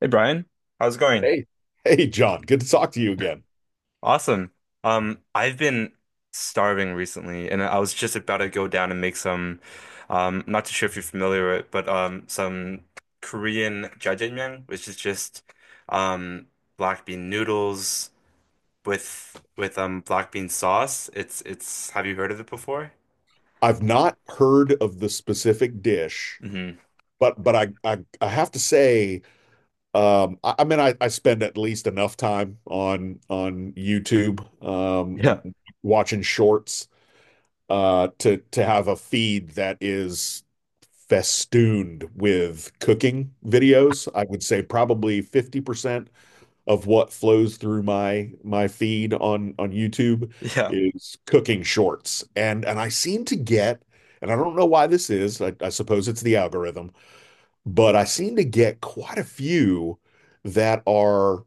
Hey Brian, how's it going? Hey, hey, John. Good to talk to you again. Awesome. I've been starving recently, and I was just about to go down and make some. Not too sure if you're familiar with it, but some Korean jjajangmyeon, which is just um black bean noodles with with black bean sauce. It's it's. Have you heard of it before? I've not heard of the specific dish, Hmm but I have to say. I mean, I spend at least enough time on YouTube, um, Yeah. watching shorts, to have a feed that is festooned with cooking videos. I would say probably 50% of what flows through my my feed on YouTube Yeah. is cooking shorts. And I seem to get, and I don't know why this is, I suppose it's the algorithm, but I seem to get quite a few that are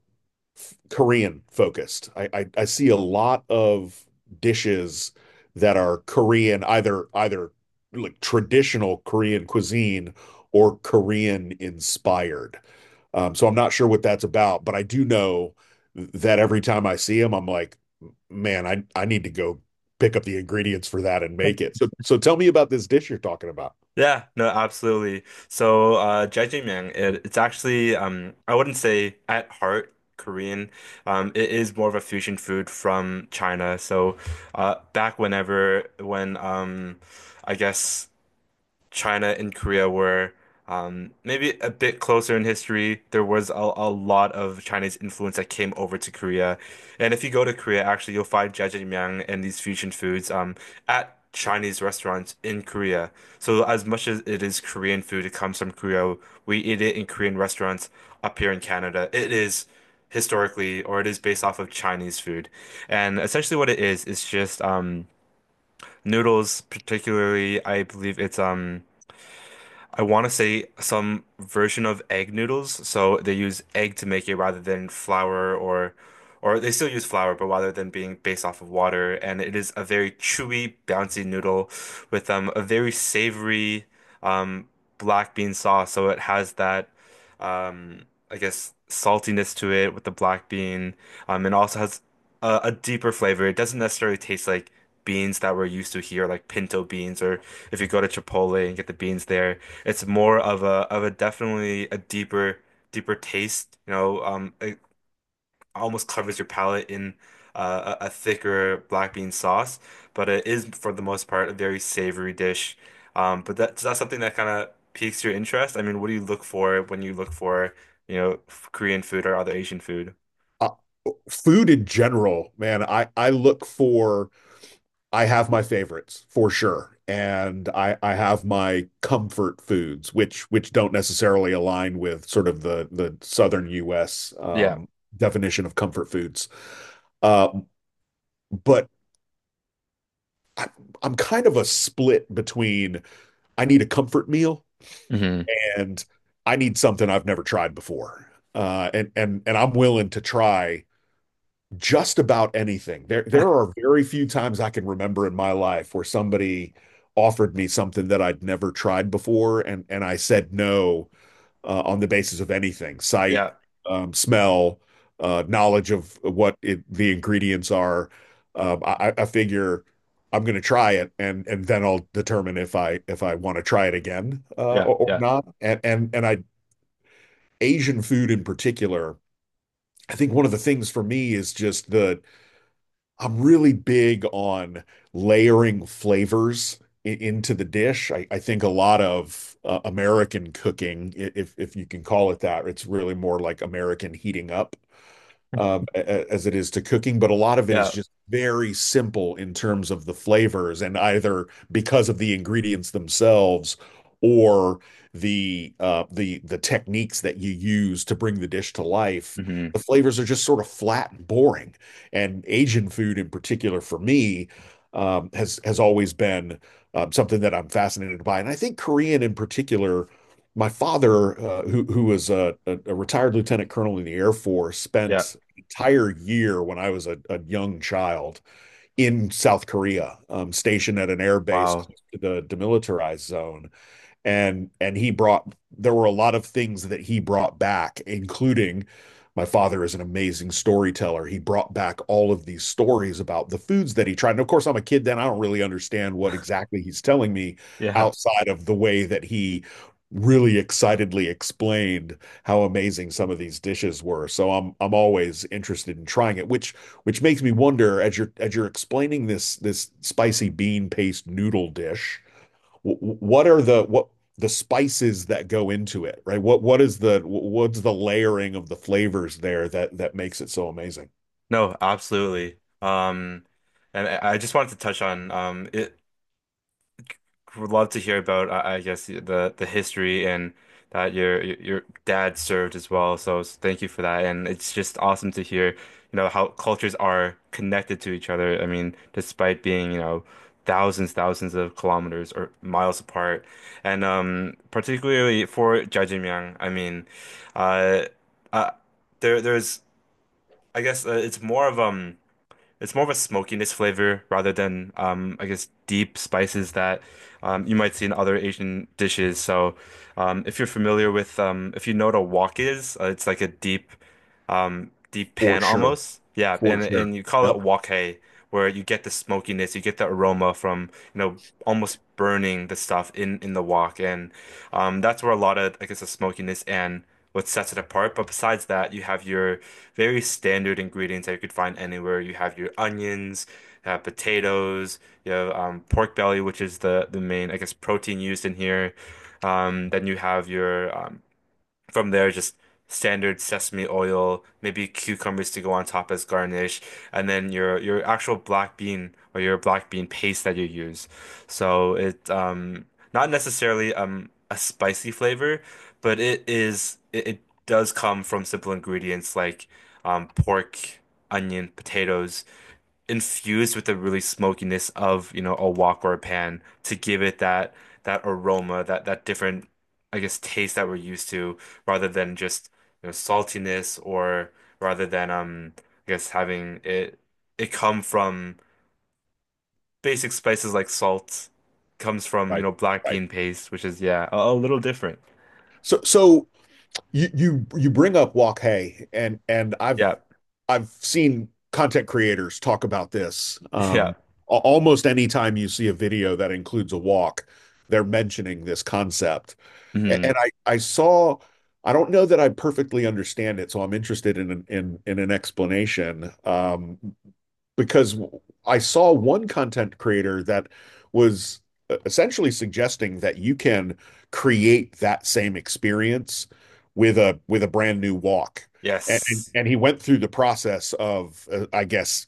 Korean focused. I see a lot of dishes that are Korean, either like traditional Korean cuisine or Korean inspired. So I'm not sure what that's about, but I do know that every time I see them, I'm like, man, I need to go pick up the ingredients for that and make it. So so tell me about this dish you're talking about. Yeah, no, absolutely. So, jjajangmyeon, it's actually, I wouldn't say at heart Korean. It is more of a fusion food from China. So, back whenever, when, I guess. China and Korea were maybe a bit closer in history. There was a lot of Chinese influence that came over to Korea. And if you go to Korea, actually, you'll find jjajangmyeon and these fusion foods at Chinese restaurants in Korea. So as much as it is Korean food, it comes from Korea. We eat it in Korean restaurants up here in Canada. It is historically, or it is based off of Chinese food. And essentially what it is just noodles, particularly, I believe it's I want to say some version of egg noodles. So they use egg to make it rather than flour, or they still use flour, but rather than being based off of water. And it is a very chewy, bouncy noodle with a very savory um, black bean sauce. So it has that um, I guess saltiness to it with the black bean. And also has a deeper flavor. It doesn't necessarily taste like beans that we're used to here, like pinto beans, or if you go to Chipotle and get the beans there. It's more of a definitely a deeper taste. You know, it almost covers your palate in a thicker black bean sauce, but it is for the most part a very savory dish. But that's that's something that kind of piques your interest. I mean, what do you look for when you look for, you know, Korean food or other Asian food? uh, Food in general, man, I look for — I have my favorites for sure, and I have my comfort foods, which don't necessarily align with sort of the southern U.S. Definition of comfort foods. Uh, but I, I'm kind of a split between I need a comfort meal Hmm and I need something I've never tried before. And and I'm willing to try just about anything. There are very few times I can remember in my life where somebody offered me something that I'd never tried before, and I said no on the basis of anything, sight, Yeah, smell, knowledge of what the ingredients are. I figure I'm going to try it, and then I'll determine if I want to try it again, yeah, or yeah, not. And I — Asian food in particular. I think one of the things for me is just the — I'm really big on layering flavors into the dish. I think a lot of American cooking, if you can call it that, it's really more like American heating up, um, as it is to cooking, but a lot of it is yeah. just very simple in terms of the flavors, and either because of the ingredients themselves or the techniques that you use to bring the dish to life, hmm the flavors are just sort of flat and boring. And Asian food, in particular, for me, has always been something that I'm fascinated by, and I think Korean in particular — my father, who was a retired lieutenant colonel in the Air Force, Yeah. spent entire year when I was a young child in South Korea, stationed at an air base Wow. close to the demilitarized zone, and he brought — there were a lot of things that he brought back, including — my father is an amazing storyteller. He brought back all of these stories about the foods that he tried, and of course I'm a kid then, I don't really understand what exactly he's telling me Yeah. outside of the way that he really excitedly explained how amazing some of these dishes were. So I'm always interested in trying it, which makes me wonder, as you're explaining this this spicy bean paste noodle dish, what are the — what the spices that go into it, right? What's the — what's the layering of the flavors there that that makes it so amazing? No, absolutely. And I just wanted to touch on it. Would love to hear about, I guess, the history and that your dad served as well. So thank you for that, and it's just awesome to hear, you know, how cultures are connected to each other. I mean, despite being, you know, thousands, thousands of kilometers or miles apart, and particularly for jajimyeon, I mean, uh, uh, there there's, I guess, it's more of. It's more of a smokiness flavor rather than, I guess, deep spices that you might see in other Asian dishes. So, if you're familiar with, if you know what a wok is, it's like a deep deep For pan sure. almost. Yeah, For sure. and you call it Yep. wok where you get the smokiness, you get the aroma from, you know, almost burning the stuff in the wok and that's where a lot of I guess the smokiness and what sets it apart. But besides that, you have your very standard ingredients that you could find anywhere. You have your onions, you have potatoes, you have pork belly, which is the main I guess protein used in here. Then you have your from there, just standard sesame oil, maybe cucumbers to go on top as garnish, and then your actual black bean or your black bean paste that you use. So it not necessarily a spicy flavor, but it does come from simple ingredients like pork, onion, potatoes infused with the really smokiness of, you know, a wok or a pan to give it that that aroma, that that different, I guess, taste that we're used to, rather than just, you know, saltiness or rather than I guess having it come from basic spices like salt, comes from, you Right. know, black Right. bean paste, which is yeah, a little different. So so you bring up Wok Hey, and Yeah. I've seen content creators talk about this. Yeah. Almost any time you see a video that includes a wok, they're mentioning this concept. And hmm I saw — I don't know that I perfectly understand it, so I'm interested in an explanation. Because I saw one content creator that was essentially suggesting that you can create that same experience with a brand new walk. And Yes. and he went through the process of, I guess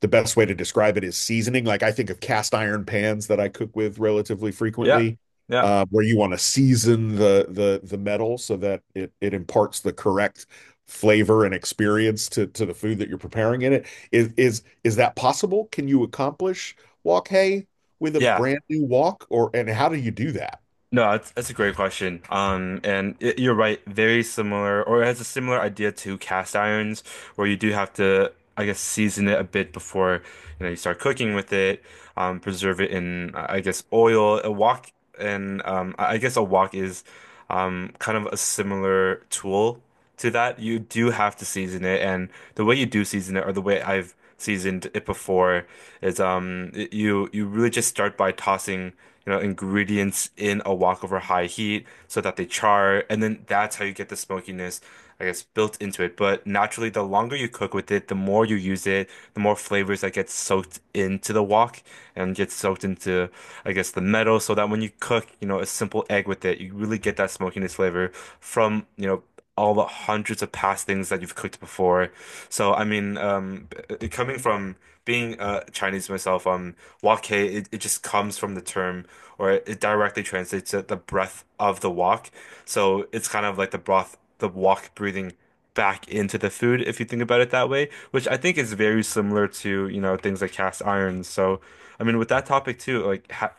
the best way to describe it is seasoning. Like I think of cast iron pans that I cook with relatively Yeah. frequently, Yeah. Where you want to season the metal so that it imparts the correct flavor and experience to the food that you're preparing in it. Is that possible? Can you accomplish walk hay with a Yeah. brand new walk, or — and how do you do that? No, that's a great question. You're right, very similar, or it has a similar idea to cast irons, where you do have to, I guess, season it a bit before, you know, you start cooking with it, preserve it in, I guess, oil. A wok and I guess a wok is kind of a similar tool to that. You do have to season it, and the way you do season it, or the way I've seasoned it before, is you you really just start by tossing. You know, ingredients in a wok over high heat so that they char, and then that's how you get the smokiness. I guess, built into it. But naturally, the longer you cook with it, the more you use it, the more flavors that get soaked into the wok and get soaked into, I guess, the metal. So that when you cook, you know, a simple egg with it, you really get that smokiness flavor from, you know, all the hundreds of past things that you've cooked before. So, I mean, coming from being Chinese myself, wok hei, it just comes from the term, or it directly translates to the breath of the wok. So it's kind of like the broth the walk breathing back into the food, if you think about it that way, which I think is very similar to, you know, things like cast irons. So, I mean, with that topic too, like ha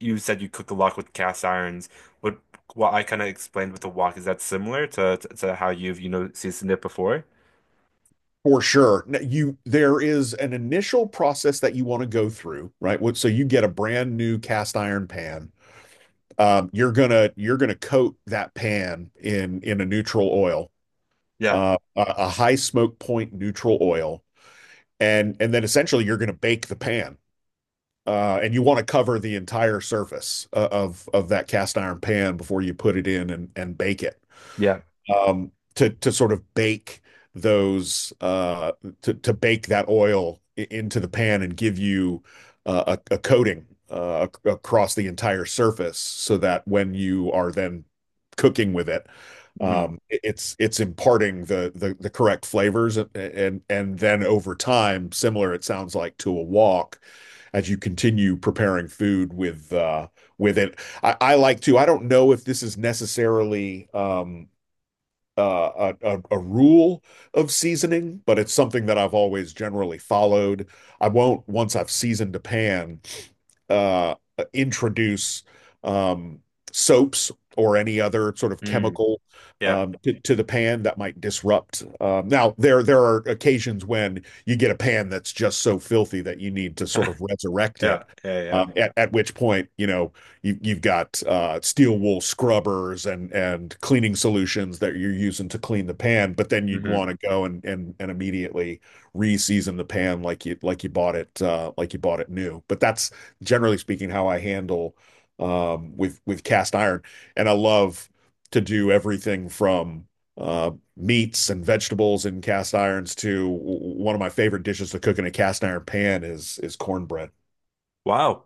you said you cook a lot with cast irons. What what I kind of explained with the wok, is that similar to, to how you've, you know, seasoned it before? For sure. Now, You there is an initial process that you want to go through, right? So you get a brand new cast iron pan. You're gonna you're gonna coat that pan in a neutral oil, Yeah. uh, a, a high smoke point neutral oil, and then essentially you're gonna bake the pan. And you want to cover the entire surface of that cast iron pan before you put it in and bake it, Yeah. To sort of bake those, uh, to bake that oil into the pan and give you a coating, across the entire surface so that when you are then cooking with it, hmm it's imparting the correct flavors. And then over time, similar, it sounds like, to a wok, as you continue preparing food with, with it. I like to — I don't know if this is necessarily — a rule of seasoning, but it's something that I've always generally followed. I won't, once I've seasoned a pan, uh, introduce, um, soaps or any other sort of Mm. chemical, Yeah. To the pan that might disrupt. Now, there are occasions when you get a pan that's just so filthy that you need to sort of resurrect Yeah. it, Yeah. Yeah. At which point, you know, you, you've got steel wool scrubbers and cleaning solutions that you're using to clean the pan, but then you'd hmm want to go and immediately re-season the pan like you bought it, like you bought it new. But that's generally speaking, how I handle, with cast iron. And I love to do everything from uh, meats and vegetables in cast irons to — one of my favorite dishes to cook in a cast iron pan is cornbread. Wow.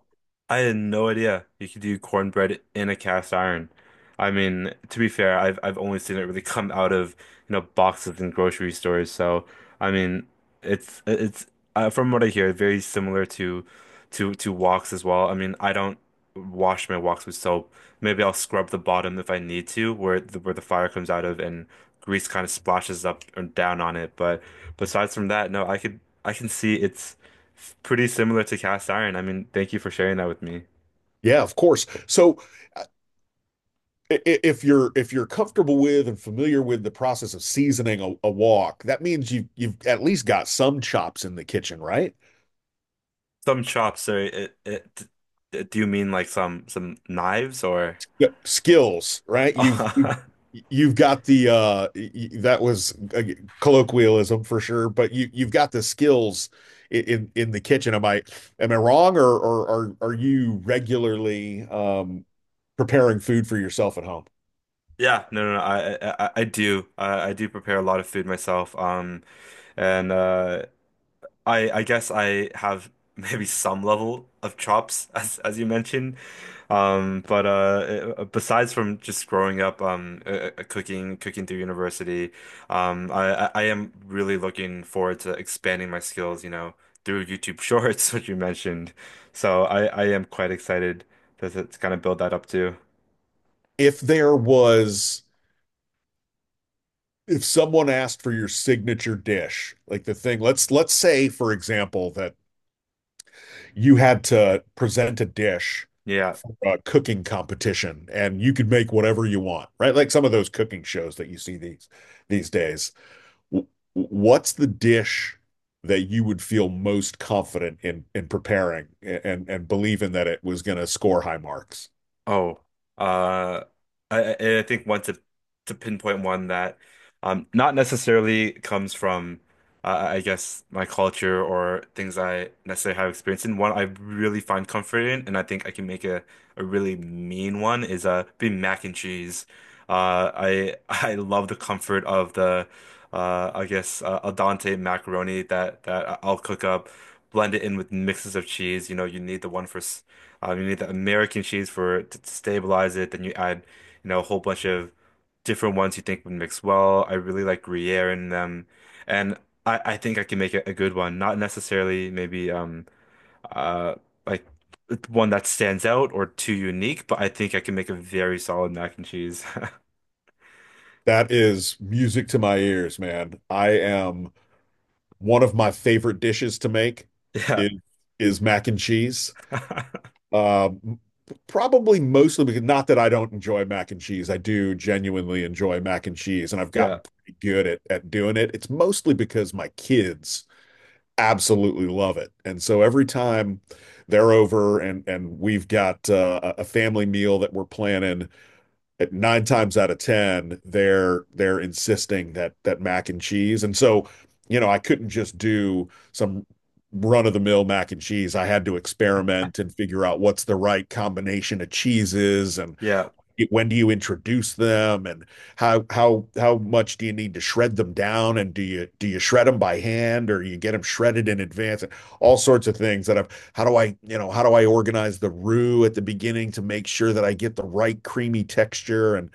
I had no idea you could do cornbread in a cast iron. I mean, to be fair, I've only seen it really come out of, you know, boxes in grocery stores. So, I mean, it's from what I hear, very similar to to woks as well. I mean, I don't wash my woks with soap. Maybe I'll scrub the bottom if I need to, where the fire comes out of and grease kind of splashes up and down on it. But besides from that, no, I can see. It's pretty similar to cast iron. I mean, thank you for sharing that with me. Yeah, of course. So if you're comfortable with and familiar with the process of seasoning a wok, that means you've at least got some chops in the kitchen, right? Some chops, so do you mean like some knives or? Yeah, skills, right? You've got the uh — that was a colloquialism for sure, but you you've got the skills in the kitchen. Am I wrong, or are you regularly preparing food for yourself at home? Yeah, no, no, no, I do. I do prepare a lot of food myself. And I guess I have maybe some level of chops as you mentioned. But Besides from just growing up, cooking cooking through university, I am really looking forward to expanding my skills, you know, through YouTube Shorts, which you mentioned. So I am quite excited to kind of build that up too. If there was — if someone asked for your signature dish, like the thing, let's say, for example, that you had to present a dish — Yeah. a cooking competition, and you could make whatever you want, right? Like some of those cooking shows that you see these days. W- What's the dish that you would feel most confident in preparing and believing that it was going to score high marks? Oh, uh, I think one to pinpoint one that not necessarily comes from I guess my culture or things I necessarily have experience in. One I really find comfort in, and I think I can make a really mean one is be mac and cheese. I I love the comfort of the al dente macaroni that that I'll cook up, blend it in with mixes of cheese. You know, you need the one for. You need the American cheese for it to stabilize it. Then you add, you know, a whole bunch of different ones you think would mix well. I really like Gruyere in them, and I think I can make a good one. Not necessarily maybe uh like one that stands out or too unique, but I think I can make a very solid mac and cheese. That is music to my ears, man. I am — one of my favorite dishes to make Yeah, is, is mac and cheese. Um, Probably mostly because — not that I don't enjoy mac and cheese. I do genuinely enjoy mac and cheese, and I've yeah, gotten pretty good at doing it. It's mostly because my kids absolutely love it. And so every time they're over and we've got a a family meal that we're planning, at nine times out of ten, they're insisting that that mac and cheese. And so, you know, I couldn't just do some run of the mill mac and cheese. I had to experiment and figure out what's the right combination of cheeses, and yeah. when do you introduce them, and how much do you need to shred them down, and do you shred them by hand or you get them shredded in advance, and all sorts of things that I've — how do I, you know, how do I organize the roux at the beginning to make sure that I get the right creamy texture? And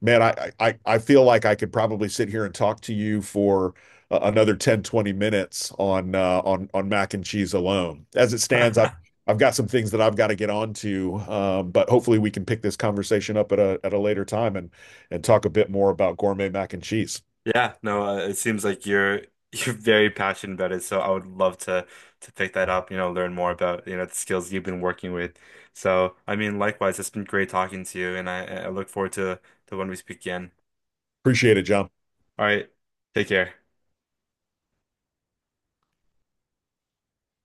man, I feel like I could probably sit here and talk to you for another 10 20 minutes on, on mac and cheese alone. As it stands, I've got some things that I've got to get on to, but hopefully we can pick this conversation up at a later time and talk a bit more about gourmet mac and cheese. Yeah, no, it seems like you're you're very passionate about it, so I would love to pick that up, you know, learn more about, you know, the skills you've been working with. So, I mean, likewise, it's been great talking to you, and I look forward to when we speak again. Appreciate it, John. All right, take care.